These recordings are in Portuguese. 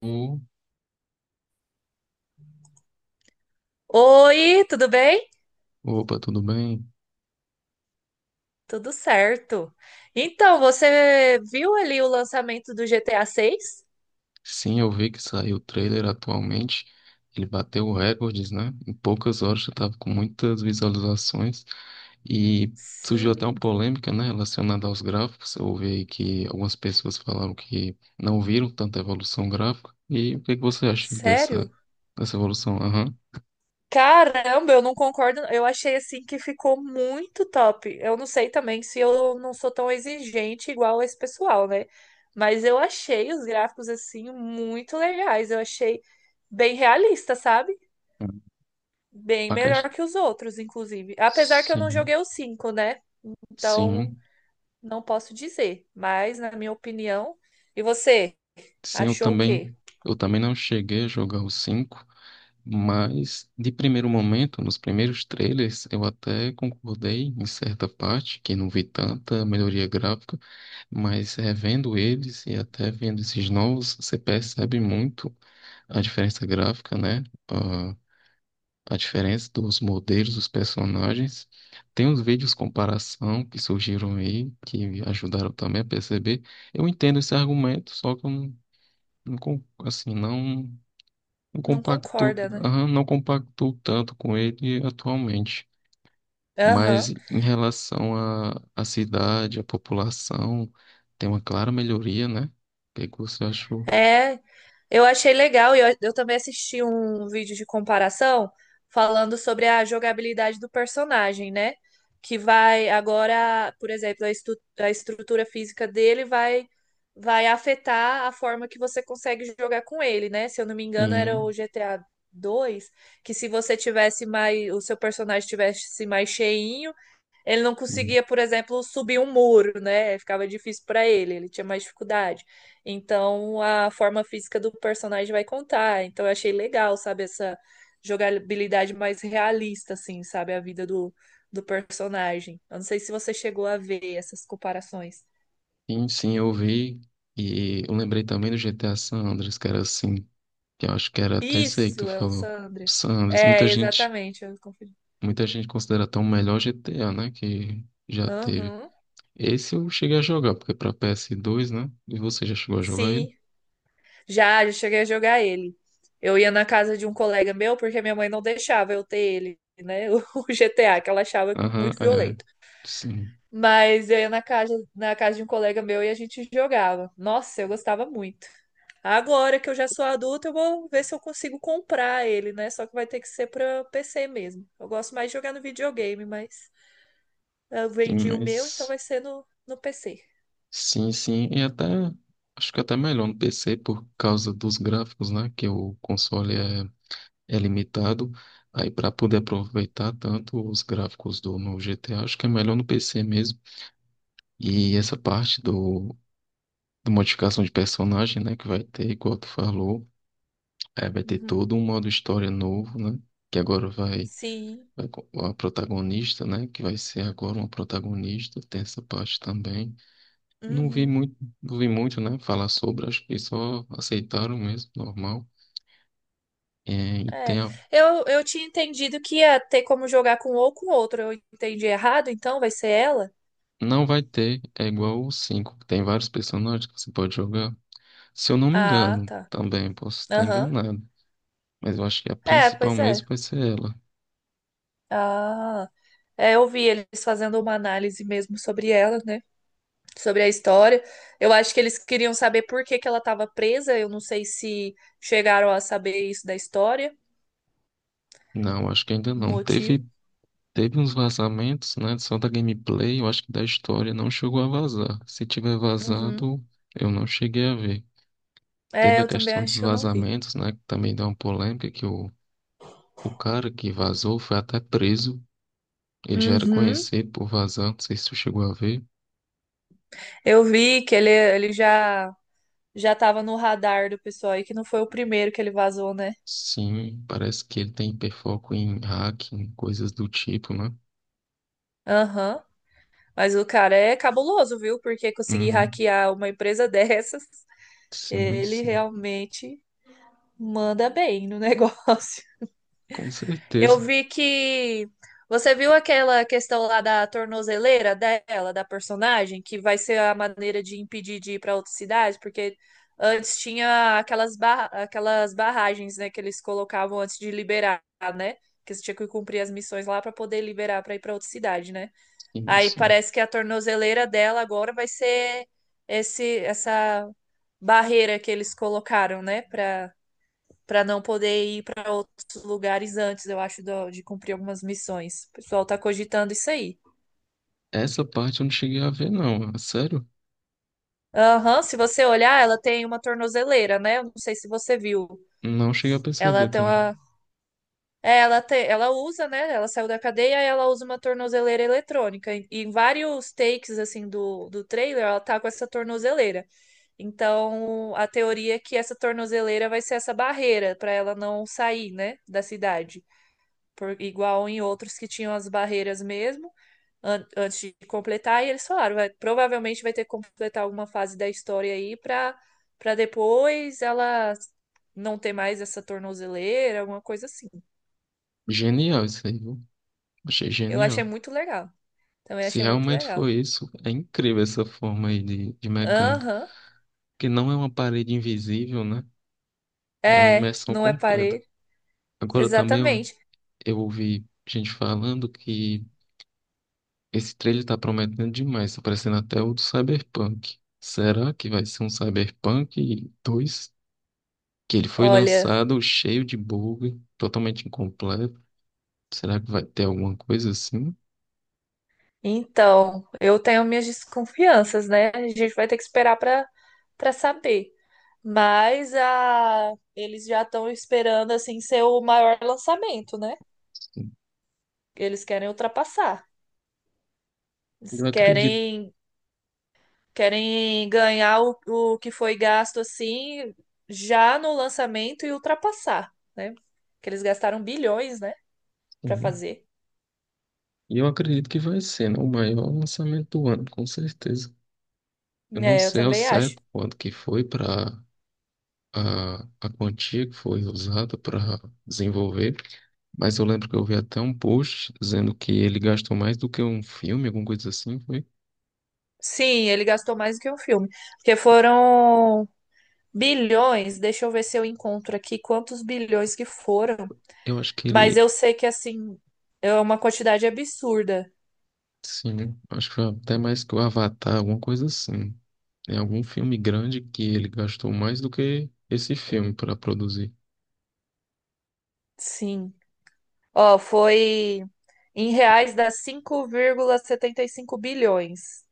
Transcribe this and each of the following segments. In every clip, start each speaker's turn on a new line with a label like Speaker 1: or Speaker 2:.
Speaker 1: O-
Speaker 2: Oi, tudo bem?
Speaker 1: Opa, tudo bem?
Speaker 2: Tudo certo. Então, você viu ali o lançamento do GTA 6?
Speaker 1: Sim, eu vi que saiu o trailer atualmente. Ele bateu recordes, né? Em poucas horas já estava com muitas visualizações e surgiu até uma
Speaker 2: Sim,
Speaker 1: polêmica, né, relacionada aos gráficos. Eu ouvi aí que algumas pessoas falaram que não viram tanta evolução gráfica. E o que que você acha dessa,
Speaker 2: sério?
Speaker 1: dessa evolução? Aham.
Speaker 2: Caramba, eu não concordo. Eu achei assim que ficou muito top. Eu não sei também se eu não sou tão exigente igual esse pessoal, né? Mas eu achei os gráficos assim muito legais. Eu achei bem realista, sabe? Bem
Speaker 1: A
Speaker 2: melhor
Speaker 1: quest-
Speaker 2: que os outros, inclusive. Apesar que eu não
Speaker 1: Sim,
Speaker 2: joguei o 5, né? Então,
Speaker 1: sim,
Speaker 2: não posso dizer, mas na minha opinião. E você?
Speaker 1: sim,
Speaker 2: Achou o quê?
Speaker 1: eu também não cheguei a jogar o 5. Mas, de primeiro momento, nos primeiros trailers, eu até concordei em certa parte que não vi tanta melhoria gráfica, mas revendo eles e até vendo esses novos, você percebe muito a diferença gráfica, né? A diferença dos modelos dos personagens. Tem uns vídeos comparação que surgiram aí, que ajudaram também a perceber. Eu entendo esse argumento, só que eu não, não con- assim, não. Não
Speaker 2: Não
Speaker 1: compactou
Speaker 2: concorda, né?
Speaker 1: aham, não compactou tanto com ele atualmente, mas
Speaker 2: Aham.
Speaker 1: em relação à cidade, à população, tem uma clara melhoria, né? O que que você achou?
Speaker 2: É, eu achei legal e eu também assisti um vídeo de comparação falando sobre a jogabilidade do personagem, né? Que vai agora, por exemplo, a estrutura física dele vai afetar a forma que você consegue jogar com ele, né? Se eu não me engano, era o
Speaker 1: Sim,
Speaker 2: GTA 2 que se você tivesse mais, o seu personagem tivesse mais cheinho. Ele não conseguia, por exemplo, subir um muro, né? Ficava difícil para ele, ele tinha mais dificuldade. Então, a forma física do personagem vai contar. Então, eu achei legal, sabe, essa jogabilidade mais realista, assim, sabe, a vida do personagem. Eu não sei se você chegou a ver essas comparações.
Speaker 1: sim, eu vi. E eu lembrei também do GTA San Andreas, que era assim, que eu acho que era até isso aí que tu
Speaker 2: Isso, é o
Speaker 1: falou.
Speaker 2: Sandres.
Speaker 1: San Andreas, muita
Speaker 2: É,
Speaker 1: gente,
Speaker 2: exatamente, eu confundi.
Speaker 1: muita gente considera até o melhor GTA, né? Que já teve.
Speaker 2: Aham.
Speaker 1: Esse eu cheguei a jogar, porque para PS2, né? E você já chegou a jogar ele?
Speaker 2: Sim, já cheguei a jogar ele. Eu ia na casa de um colega meu porque minha mãe não deixava eu ter ele, né? O GTA, que ela achava
Speaker 1: Aham,
Speaker 2: muito
Speaker 1: é.
Speaker 2: violento.
Speaker 1: Sim,
Speaker 2: Mas eu ia na casa de um colega meu e a gente jogava. Nossa, eu gostava muito. Agora que eu já sou adulta, eu vou ver se eu consigo comprar ele, né? Só que vai ter que ser pra PC mesmo. Eu gosto mais de jogar no videogame, mas eu
Speaker 1: sim,
Speaker 2: vendi o meu, então
Speaker 1: mas.
Speaker 2: vai ser no PC.
Speaker 1: Sim, sim. E até. Acho que até melhor no PC por causa dos gráficos, né? Que o console é limitado. Aí, para poder aproveitar tanto os gráficos do no GTA, acho que é melhor no PC mesmo. E essa parte do modificação de personagem, né? Que vai ter, igual tu falou, é, vai ter
Speaker 2: Uhum.
Speaker 1: todo um modo história novo, né? Que agora vai.
Speaker 2: Sim.
Speaker 1: Vai com a protagonista, né? Que vai ser agora uma protagonista, tem essa parte também. Não vi
Speaker 2: Uhum.
Speaker 1: muito, não vi muito, né? Falar sobre, acho que só aceitaram mesmo, normal. É, e
Speaker 2: É, eu tinha entendido que ia ter como jogar com um ou com outro. Eu entendi errado, então vai ser ela?
Speaker 1: não vai ter, é igual o 5, que tem vários personagens que você pode jogar. Se eu não me
Speaker 2: Ah,
Speaker 1: engano,
Speaker 2: tá.
Speaker 1: também posso estar
Speaker 2: Aham.
Speaker 1: enganado. Mas eu acho que a
Speaker 2: É,
Speaker 1: principal
Speaker 2: pois é.
Speaker 1: mesmo vai ser ela.
Speaker 2: Ah, é, eu vi eles fazendo uma análise mesmo sobre ela, né? Sobre a história. Eu acho que eles queriam saber por que que ela estava presa. Eu não sei se chegaram a saber isso da história,
Speaker 1: Não, acho que ainda
Speaker 2: o
Speaker 1: não.
Speaker 2: motivo.
Speaker 1: Teve uns vazamentos, né? Só da gameplay, eu acho que da história não chegou a vazar. Se tiver
Speaker 2: Uhum.
Speaker 1: vazado, eu não cheguei a ver.
Speaker 2: É,
Speaker 1: Teve a
Speaker 2: eu também
Speaker 1: questão dos
Speaker 2: acho que eu não vi.
Speaker 1: vazamentos, né? Que também dá uma polêmica que o cara que vazou foi até preso. Ele já era
Speaker 2: Uhum.
Speaker 1: conhecido por vazar, não sei se tu chegou a ver.
Speaker 2: Eu vi que ele já tava no radar do pessoal aí, que não foi o primeiro que ele vazou, né?
Speaker 1: Sim, parece que ele tem hiperfoco em hacking, coisas do tipo, né?
Speaker 2: Aham. Mas o cara é cabuloso, viu? Porque conseguir
Speaker 1: Uhum.
Speaker 2: hackear uma empresa dessas,
Speaker 1: Sim,
Speaker 2: ele
Speaker 1: sim.
Speaker 2: realmente manda bem no negócio.
Speaker 1: Com
Speaker 2: Eu
Speaker 1: certeza.
Speaker 2: vi que você viu aquela questão lá da tornozeleira dela, da personagem, que vai ser a maneira de impedir de ir para outras cidades, porque antes tinha aquelas barragens, né, que eles colocavam antes de liberar, né? Que você tinha que cumprir as missões lá para poder liberar para ir para outra cidade, né?
Speaker 1: Sim,
Speaker 2: Aí
Speaker 1: sim.
Speaker 2: parece que a tornozeleira dela agora vai ser esse essa barreira que eles colocaram, né, para não poder ir para outros lugares antes, eu acho, de cumprir algumas missões. O pessoal tá cogitando isso aí.
Speaker 1: Essa parte eu não cheguei a ver, não. É sério?
Speaker 2: Aham, se você olhar, ela tem uma tornozeleira, né? Eu não sei se você viu.
Speaker 1: Não cheguei a
Speaker 2: Ela
Speaker 1: perceber
Speaker 2: tem
Speaker 1: também.
Speaker 2: uma. É, ela tem, ela usa, né? Ela saiu da cadeia e ela usa uma tornozeleira eletrônica. E em vários takes, assim, do trailer, ela tá com essa tornozeleira. Então, a teoria é que essa tornozeleira vai ser essa barreira para ela não sair, né, da cidade. Por, igual em outros que tinham as barreiras mesmo. Antes de completar, e eles falaram, vai, provavelmente vai ter que completar alguma fase da história aí para depois ela não ter mais essa tornozeleira, alguma coisa assim.
Speaker 1: Genial isso aí, viu? Achei
Speaker 2: Eu achei
Speaker 1: genial.
Speaker 2: muito legal. Também
Speaker 1: Se
Speaker 2: achei muito
Speaker 1: realmente
Speaker 2: legal.
Speaker 1: foi isso, é incrível essa forma aí de mecânica.
Speaker 2: Aham.
Speaker 1: Que não é uma parede invisível, né? É uma
Speaker 2: É,
Speaker 1: imersão
Speaker 2: não é
Speaker 1: completa.
Speaker 2: parede.
Speaker 1: Agora também. É um
Speaker 2: Exatamente.
Speaker 1: eu ouvi gente falando que esse trailer tá prometendo demais, tá parecendo até o do Cyberpunk. Será que vai ser um Cyberpunk dois? Que ele foi
Speaker 2: Olha,
Speaker 1: lançado cheio de bug, totalmente incompleto. Será que vai ter alguma coisa assim?
Speaker 2: então, eu tenho minhas desconfianças, né? A gente vai ter que esperar para saber. Mas a eles já estão esperando assim ser o maior lançamento, né?
Speaker 1: Sim.
Speaker 2: Eles querem ultrapassar. Eles
Speaker 1: Eu acredito.
Speaker 2: querem ganhar o que foi gasto assim já no lançamento e ultrapassar, né? Que eles gastaram bilhões, né, para fazer.
Speaker 1: E eu acredito que vai ser, né, o maior lançamento do ano, com certeza. Eu não
Speaker 2: É, eu
Speaker 1: sei ao
Speaker 2: também acho.
Speaker 1: certo quanto que foi para a quantia que foi usada para desenvolver. Mas eu lembro que eu vi até um post dizendo que ele gastou mais do que um filme, alguma coisa assim, foi?
Speaker 2: Sim, ele gastou mais do que um filme, porque foram bilhões. Deixa eu ver se eu encontro aqui quantos bilhões que foram,
Speaker 1: Eu acho que
Speaker 2: mas
Speaker 1: ele,
Speaker 2: eu sei que assim é uma quantidade absurda.
Speaker 1: sim, acho que foi até mais que o Avatar, alguma coisa assim. É algum filme grande que ele gastou mais do que esse filme para produzir.
Speaker 2: Sim. Ó, foi em reais dá 5,75 bilhões.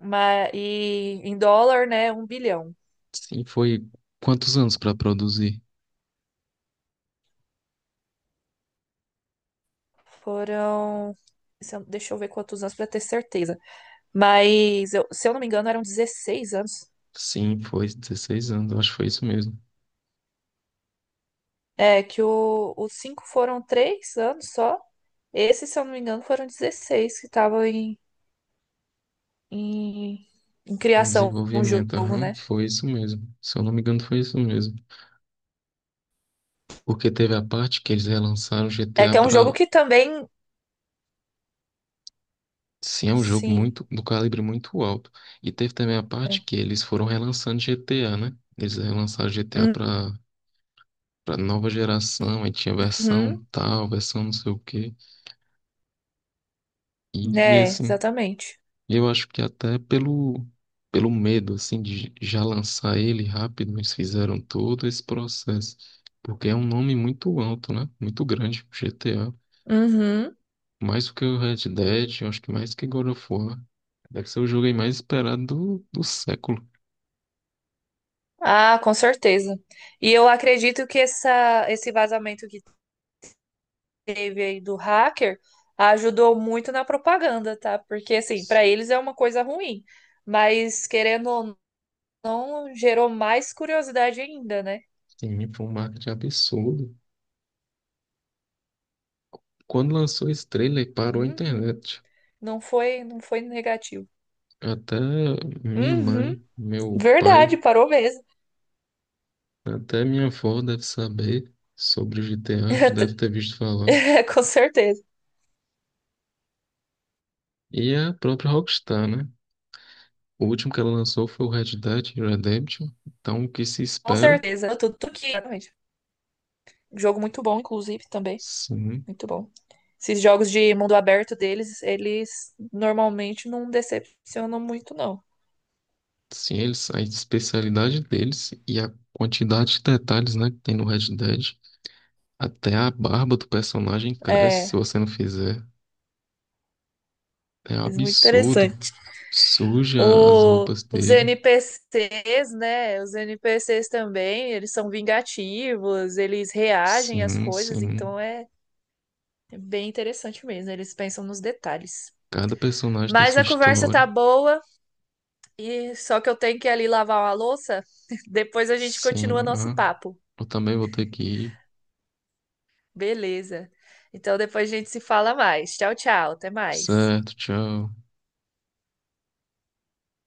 Speaker 2: Mas, e em dólar, né, um bilhão.
Speaker 1: Sim, foi quantos anos para produzir?
Speaker 2: Foram. Se eu- Deixa eu ver quantos anos para ter certeza. Mas, se eu não me engano, eram 16 anos.
Speaker 1: Sim, foi 16 anos, eu acho que foi isso mesmo.
Speaker 2: É, que os 5 foram 3 anos só. Esse, se eu não me engano, foram 16 que estavam em, em
Speaker 1: Em
Speaker 2: criação, um
Speaker 1: desenvolvimento,
Speaker 2: jogo,
Speaker 1: aham,
Speaker 2: né?
Speaker 1: foi isso mesmo. Se eu não me engano, foi isso mesmo. Porque teve a parte que eles relançaram
Speaker 2: É
Speaker 1: GTA.
Speaker 2: que é um jogo que também.
Speaker 1: Sim, é um jogo
Speaker 2: Sim.
Speaker 1: muito do calibre muito alto. E teve também a
Speaker 2: É.
Speaker 1: parte que eles foram relançando GTA, né? Eles relançaram GTA pra, pra nova geração, aí tinha versão
Speaker 2: Uhum,
Speaker 1: tal, versão não sei o quê. E,
Speaker 2: né,
Speaker 1: assim,
Speaker 2: exatamente.
Speaker 1: eu acho que até pelo medo, assim, de já lançar ele rápido, eles fizeram todo esse processo. Porque é um nome muito alto, né? Muito grande, GTA.
Speaker 2: Uhum.
Speaker 1: Mais do que o Red Dead, eu acho que mais que God of War. Deve ser o jogo aí mais esperado do século.
Speaker 2: Ah, com certeza. E eu acredito que esse vazamento que teve aí do hacker ajudou muito na propaganda, tá? Porque, assim, para eles é uma coisa ruim, mas querendo ou não, gerou mais curiosidade ainda, né?
Speaker 1: Sim, foi um marketing absurdo. Quando lançou esse trailer, parou a
Speaker 2: Uhum.
Speaker 1: internet.
Speaker 2: Não foi negativo.
Speaker 1: Até minha
Speaker 2: Uhum.
Speaker 1: mãe, meu pai,
Speaker 2: Verdade, parou mesmo.
Speaker 1: até minha avó deve saber sobre o GTA, já deve ter visto falar.
Speaker 2: É, com certeza.
Speaker 1: E a própria Rockstar, né? O último que ela lançou foi o Red Dead Redemption. Então, o que se
Speaker 2: Com
Speaker 1: espera?
Speaker 2: certeza. Tudo que. Exatamente. Jogo muito bom, inclusive, também.
Speaker 1: Sim,
Speaker 2: Muito bom. Esses jogos de mundo aberto deles, eles normalmente não decepcionam muito, não.
Speaker 1: sim, eles, a especialidade deles e a quantidade de detalhes, né, que tem no Red Dead. Até a barba do personagem cresce se
Speaker 2: É,
Speaker 1: você não fizer. É um
Speaker 2: é muito
Speaker 1: absurdo.
Speaker 2: interessante.
Speaker 1: Suja as
Speaker 2: O,
Speaker 1: roupas
Speaker 2: os
Speaker 1: dele.
Speaker 2: NPCs, né? Os NPCs também, eles são vingativos, eles reagem às
Speaker 1: Sim,
Speaker 2: coisas,
Speaker 1: sim.
Speaker 2: então é bem interessante mesmo. Eles pensam nos detalhes.
Speaker 1: Cada personagem tem
Speaker 2: Mas
Speaker 1: sua
Speaker 2: a conversa
Speaker 1: história.
Speaker 2: tá boa, e só que eu tenho que ir ali lavar uma louça. Depois a gente continua
Speaker 1: Sim,
Speaker 2: nosso
Speaker 1: ah.
Speaker 2: papo.
Speaker 1: Eu também vou ter que ir.
Speaker 2: Beleza. Então depois a gente se fala mais. Tchau, tchau. Até mais.
Speaker 1: Certo, tchau.